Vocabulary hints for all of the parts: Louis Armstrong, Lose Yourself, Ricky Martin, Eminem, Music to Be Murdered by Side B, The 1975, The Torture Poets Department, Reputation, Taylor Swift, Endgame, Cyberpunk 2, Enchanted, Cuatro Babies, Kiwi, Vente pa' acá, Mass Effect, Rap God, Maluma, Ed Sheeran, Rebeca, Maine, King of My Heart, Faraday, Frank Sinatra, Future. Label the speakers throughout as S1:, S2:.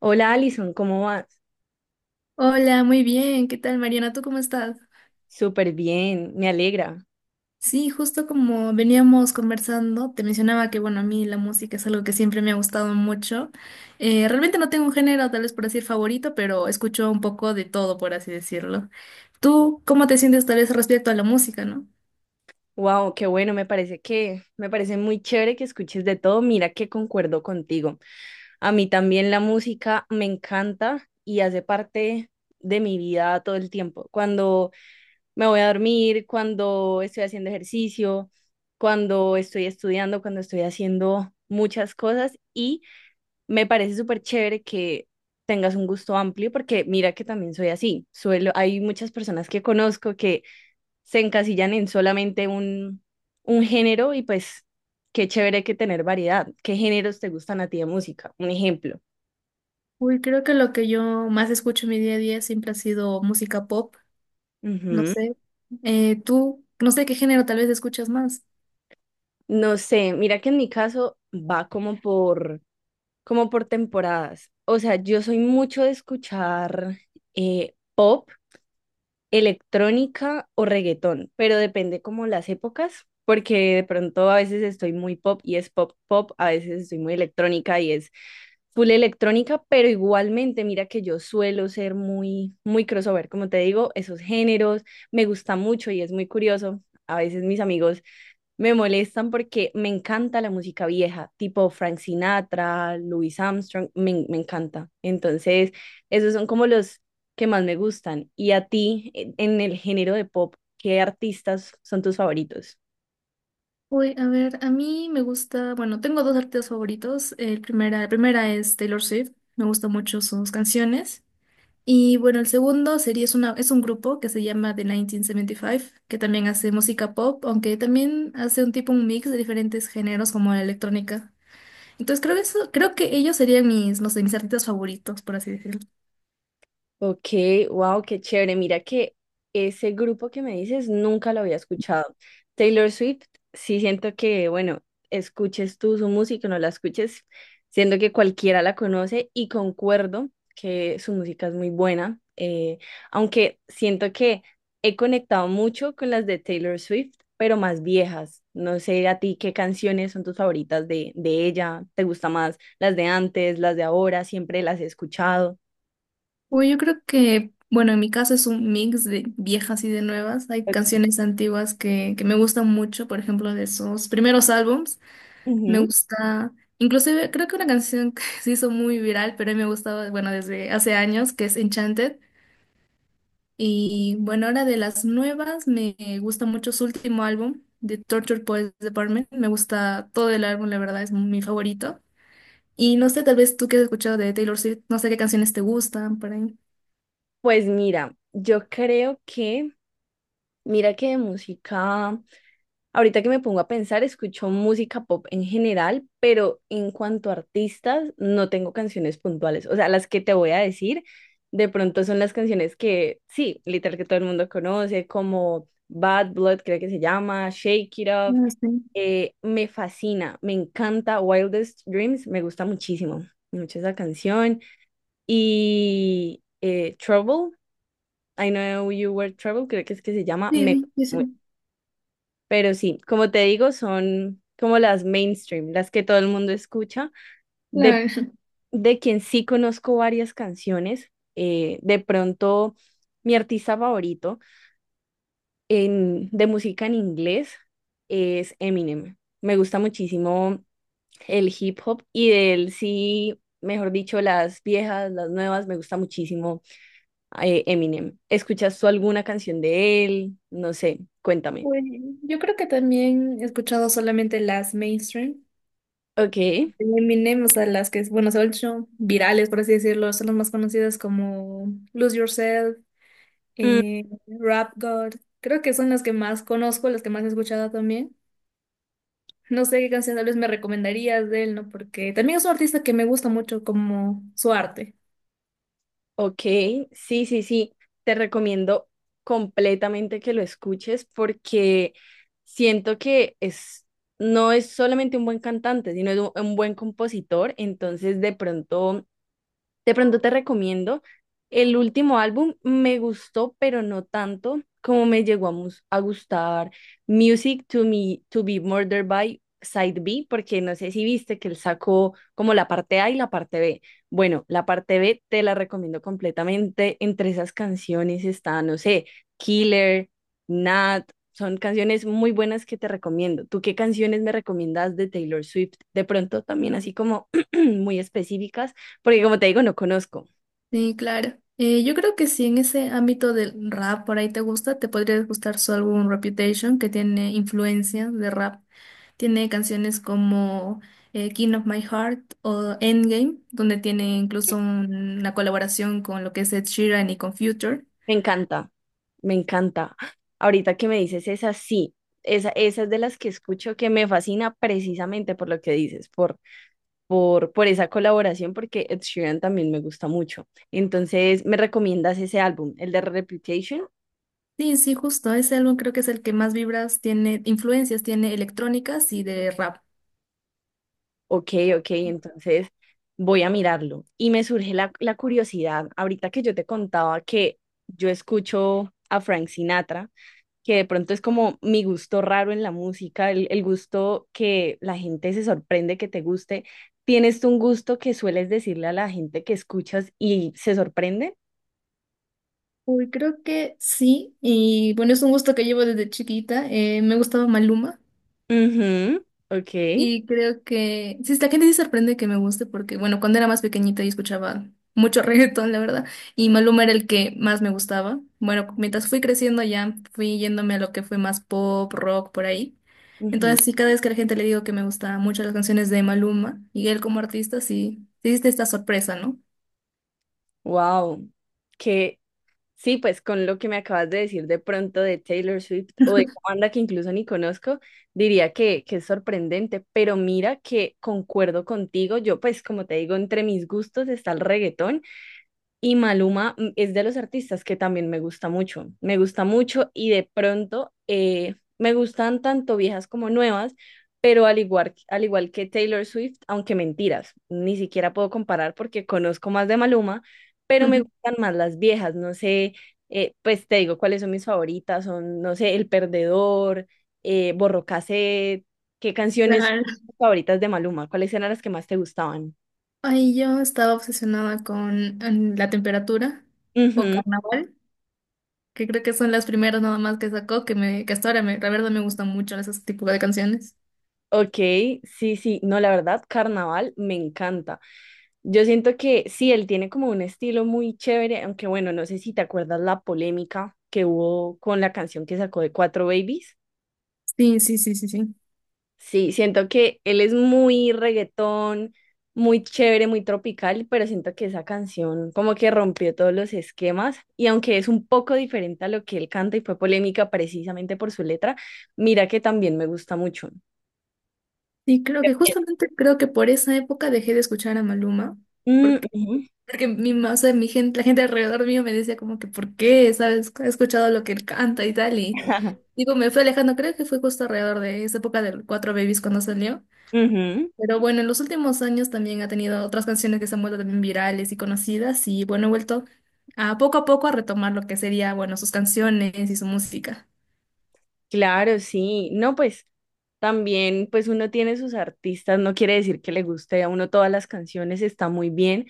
S1: Hola Alison, ¿cómo vas?
S2: Hola, muy bien. ¿Qué tal, Mariana? ¿Tú cómo estás?
S1: Súper bien, me alegra.
S2: Sí, justo como veníamos conversando, te mencionaba que, bueno, a mí la música es algo que siempre me ha gustado mucho. Realmente no tengo un género, tal vez por decir favorito, pero escucho un poco de todo, por así decirlo. ¿Tú cómo te sientes tal vez respecto a la música, no?
S1: Wow, qué bueno, me parece muy chévere que escuches de todo. Mira que concuerdo contigo. A mí también la música me encanta y hace parte de mi vida todo el tiempo. Cuando me voy a dormir, cuando estoy haciendo ejercicio, cuando estoy estudiando, cuando estoy haciendo muchas cosas y me parece súper chévere que tengas un gusto amplio porque mira que también soy así. Suelo, hay muchas personas que conozco que se encasillan en solamente un género y pues qué chévere que tener variedad. ¿Qué géneros te gustan a ti de música? Un ejemplo.
S2: Uy, creo que lo que yo más escucho en mi día a día siempre ha sido música pop, no
S1: Ujú.
S2: sé. Tú, no sé qué género tal vez escuchas más.
S1: No sé, mira que en mi caso va como por temporadas. O sea, yo soy mucho de escuchar pop electrónica o reggaetón, pero depende como las épocas, porque de pronto a veces estoy muy pop y es pop pop, a veces estoy muy electrónica y es full electrónica, pero igualmente mira que yo suelo ser muy crossover, como te digo, esos géneros me gusta mucho y es muy curioso. A veces mis amigos me molestan porque me encanta la música vieja, tipo Frank Sinatra, Louis Armstrong, me encanta. Entonces, esos son como los que más me gustan. Y a ti, en el género de pop, ¿qué artistas son tus favoritos?
S2: Uy, a ver, a mí me gusta, bueno, tengo dos artistas favoritos. La primera es Taylor Swift, me gustan mucho sus canciones. Y bueno, el segundo sería, es una, es un grupo que se llama The 1975, que también hace música pop, aunque también hace un tipo, un mix de diferentes géneros como la electrónica. Entonces creo que eso, creo que ellos serían mis, no sé, mis artistas favoritos, por así decirlo.
S1: Ok, wow, qué chévere. Mira que ese grupo que me dices nunca lo había escuchado. Taylor Swift, sí siento que, bueno, escuches tú su música, o no la escuches, siento que cualquiera la conoce y concuerdo que su música es muy buena, aunque siento que he conectado mucho con las de Taylor Swift, pero más viejas. No sé a ti qué canciones son tus favoritas de ella, ¿te gusta más las de antes, las de ahora? ¿Siempre las he escuchado?
S2: Uy, yo creo que, bueno, en mi caso es un mix de viejas y de nuevas. Hay canciones antiguas que me gustan mucho, por ejemplo, de esos primeros álbums. Me
S1: Ujú.
S2: gusta, inclusive creo que una canción que se hizo muy viral, pero a mí me gustaba, bueno, desde hace años, que es Enchanted. Y bueno, ahora de las nuevas, me gusta mucho su último álbum, The Torture Poets Department. Me gusta todo el álbum, la verdad, es mi favorito. Y no sé, tal vez tú que has escuchado de Taylor Swift, no sé qué canciones te gustan por ahí.
S1: Pues mira, yo creo que, mira que de música, ahorita que me pongo a pensar, escucho música pop en general, pero en cuanto a artistas, no tengo canciones puntuales. O sea, las que te voy a decir, de pronto son las canciones que, sí, literal que todo el mundo conoce, como Bad Blood, creo que se llama, Shake It Off.
S2: No sé.
S1: Me fascina, me encanta Wildest Dreams, me gusta mucho esa canción. Y Trouble. I Know You Were Trouble, creo que se llama.
S2: Sí,
S1: Me...
S2: sí, sí, sí.
S1: Pero sí, como te digo, son como las mainstream, las que todo el mundo escucha. De,
S2: Claro.
S1: de quien sí conozco varias canciones, de pronto mi artista favorito de música en inglés es Eminem. Me gusta muchísimo el hip hop y de él sí, mejor dicho, las viejas, las nuevas, me gusta muchísimo Eminem. ¿Escuchas tú alguna canción de él? No sé, cuéntame.
S2: Pues, yo creo que también he escuchado solamente las mainstream
S1: Ok,
S2: de Eminem, o sea, las que, bueno, se han hecho virales, por así decirlo, son las más conocidas como Lose Yourself,
S1: mm,
S2: Rap God. Creo que son las que más conozco, las que más he escuchado también. No sé qué canción tal vez me recomendarías de él, ¿no? Porque también es un artista que me gusta mucho como su arte.
S1: ok, sí, sí, sí, te recomiendo completamente que lo escuches porque siento no es solamente un buen cantante, sino es un buen compositor, entonces de pronto te recomiendo el último álbum, me gustó, pero no tanto como me llegó a gustar Music to Me to Be Murdered by Side B, porque no sé si viste que él sacó como la parte A y la parte B. Bueno, la parte B te la recomiendo completamente. Entre esas canciones está, no sé, Killer, Nat. Son canciones muy buenas que te recomiendo. ¿Tú qué canciones me recomiendas de Taylor Swift? De pronto también así como muy específicas porque como te digo, no conozco.
S2: Sí, claro. Yo creo que si en ese ámbito del rap por ahí te gusta, te podría gustar su álbum Reputation, que tiene influencia de rap. Tiene canciones como King of My Heart o Endgame, donde tiene incluso una colaboración con lo que es Ed Sheeran y con Future.
S1: Me encanta, me encanta. Ahorita que me dices esa, sí. Esa es de las que escucho que me fascina precisamente por lo que dices, por esa colaboración, porque Ed Sheeran también me gusta mucho. Entonces, ¿me recomiendas ese álbum, el de Reputation?
S2: Sí, sí, justo. Ese álbum creo que es el que más vibras tiene, influencias tiene electrónicas y de rap.
S1: Ok, ok, entonces voy a mirarlo. Y me surge la curiosidad, ahorita que yo te contaba que yo escucho a Frank Sinatra que de pronto es como mi gusto raro en la música, el gusto que la gente se sorprende que te guste. ¿Tienes tú un gusto que sueles decirle a la gente que escuchas y se sorprende?
S2: Uy, creo que sí. Y bueno, es un gusto que llevo desde chiquita. Me gustaba Maluma.
S1: Ujú, ok.
S2: Y creo que, sí, la gente sí sorprende que me guste porque, bueno, cuando era más pequeñita yo escuchaba mucho reggaetón, la verdad, y Maluma era el que más me gustaba. Bueno, mientras fui creciendo ya fui yéndome a lo que fue más pop, rock, por ahí. Entonces, sí, cada vez que a la gente le digo que me gustaban mucho las canciones de Maluma y él como artista, sí, sí existe esta sorpresa, ¿no?
S1: Wow. Que sí, pues con lo que me acabas de decir de pronto de Taylor Swift o de una banda que incluso ni conozco, diría que es sorprendente, pero mira que concuerdo contigo, yo pues como te digo, entre mis gustos está el reggaetón. Y Maluma es de los artistas que también me gusta mucho y de pronto me gustan tanto viejas como nuevas, pero al igual que Taylor Swift, aunque mentiras, ni siquiera puedo comparar porque conozco más de Maluma, pero me gustan más las viejas, no sé, pues te digo cuáles son mis favoritas, son, no sé, El Perdedor, Borró Cassette, qué canciones
S2: Claro.
S1: favoritas de Maluma, cuáles eran las que más te gustaban.
S2: Ay, yo estaba obsesionada con la temperatura o carnaval, que creo que son las primeras nada más que sacó, que me, que hasta ahora me, la verdad me gustan mucho ese tipo de canciones.
S1: Ok, sí, sí, no, la verdad, Carnaval me encanta. Yo siento que sí, él tiene como un estilo muy chévere, aunque bueno, no sé si te acuerdas la polémica que hubo con la canción que sacó de Cuatro Babies.
S2: Sí, sí, sí, sí, sí.
S1: Sí, siento que él es muy reggaetón, muy chévere, muy tropical, pero siento que esa canción como que rompió todos los esquemas y aunque es un poco diferente a lo que él canta y fue polémica precisamente por su letra, mira que también me gusta mucho.
S2: Sí, creo que justamente creo que por esa época dejé de escuchar a Maluma,
S1: Mm,
S2: porque,
S1: ujú.
S2: porque o sea, mi gente, la gente alrededor mío me decía como que ¿por qué? ¿Sabes? He escuchado lo que él canta y tal, y digo, me fue alejando, creo que fue justo alrededor de esa época del Cuatro Babies cuando salió.
S1: Ujú,
S2: Pero bueno, en los últimos años también ha tenido otras canciones que se han vuelto también virales y conocidas y bueno, he vuelto a poco a poco a retomar lo que sería, bueno, sus canciones y su música.
S1: claro, sí. No, pues también, pues uno tiene sus artistas, no quiere decir que le guste a uno todas las canciones, está muy bien,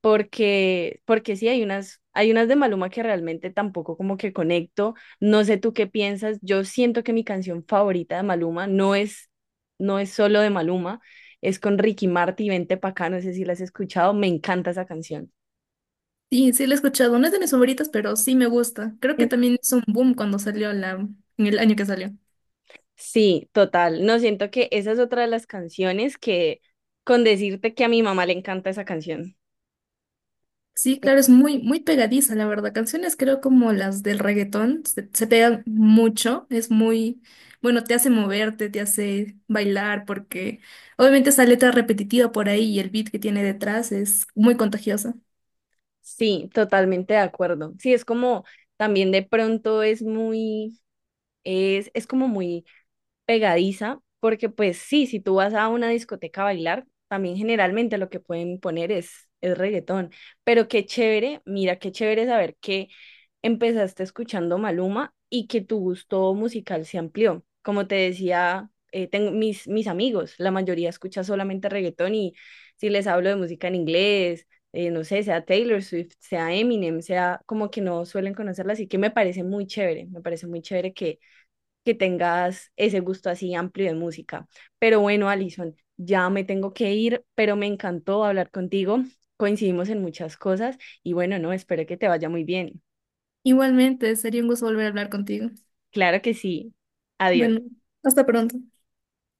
S1: porque sí, hay unas de Maluma que realmente tampoco como que conecto. No sé tú qué piensas, yo siento que mi canción favorita de Maluma no es solo de Maluma, es con Ricky Martin, Vente pa' acá, no sé si la has escuchado, me encanta esa canción.
S2: Sí, sí la he escuchado, no es de mis favoritas, pero sí me gusta. Creo que también hizo un boom cuando salió la, en el año que salió.
S1: Sí, total. No siento que esa es otra de las canciones que, con decirte que a mi mamá le encanta esa canción.
S2: Sí, claro, es muy, muy pegadiza, la verdad. Canciones creo como las del reggaetón, se pegan mucho, es muy, bueno, te hace moverte, te hace bailar, porque obviamente esa letra repetitiva por ahí y el beat que tiene detrás es muy contagiosa.
S1: Sí, totalmente de acuerdo. Sí, es como también de pronto es muy, es como muy pegadiza, porque pues sí, si tú vas a una discoteca a bailar, también generalmente lo que pueden poner es reggaetón. Pero qué chévere, mira, qué chévere saber que empezaste escuchando Maluma y que tu gusto musical se amplió. Como te decía, tengo mis amigos, la mayoría escucha solamente reggaetón y si les hablo de música en inglés, no sé, sea Taylor Swift, sea Eminem, sea como que no suelen conocerla, así que me parece muy chévere que tengas ese gusto así amplio de música. Pero bueno, Alison, ya me tengo que ir, pero me encantó hablar contigo. Coincidimos en muchas cosas y bueno, no, espero que te vaya muy bien.
S2: Igualmente, sería un gusto volver a hablar contigo.
S1: Claro que sí. Adiós.
S2: Bueno, hasta pronto.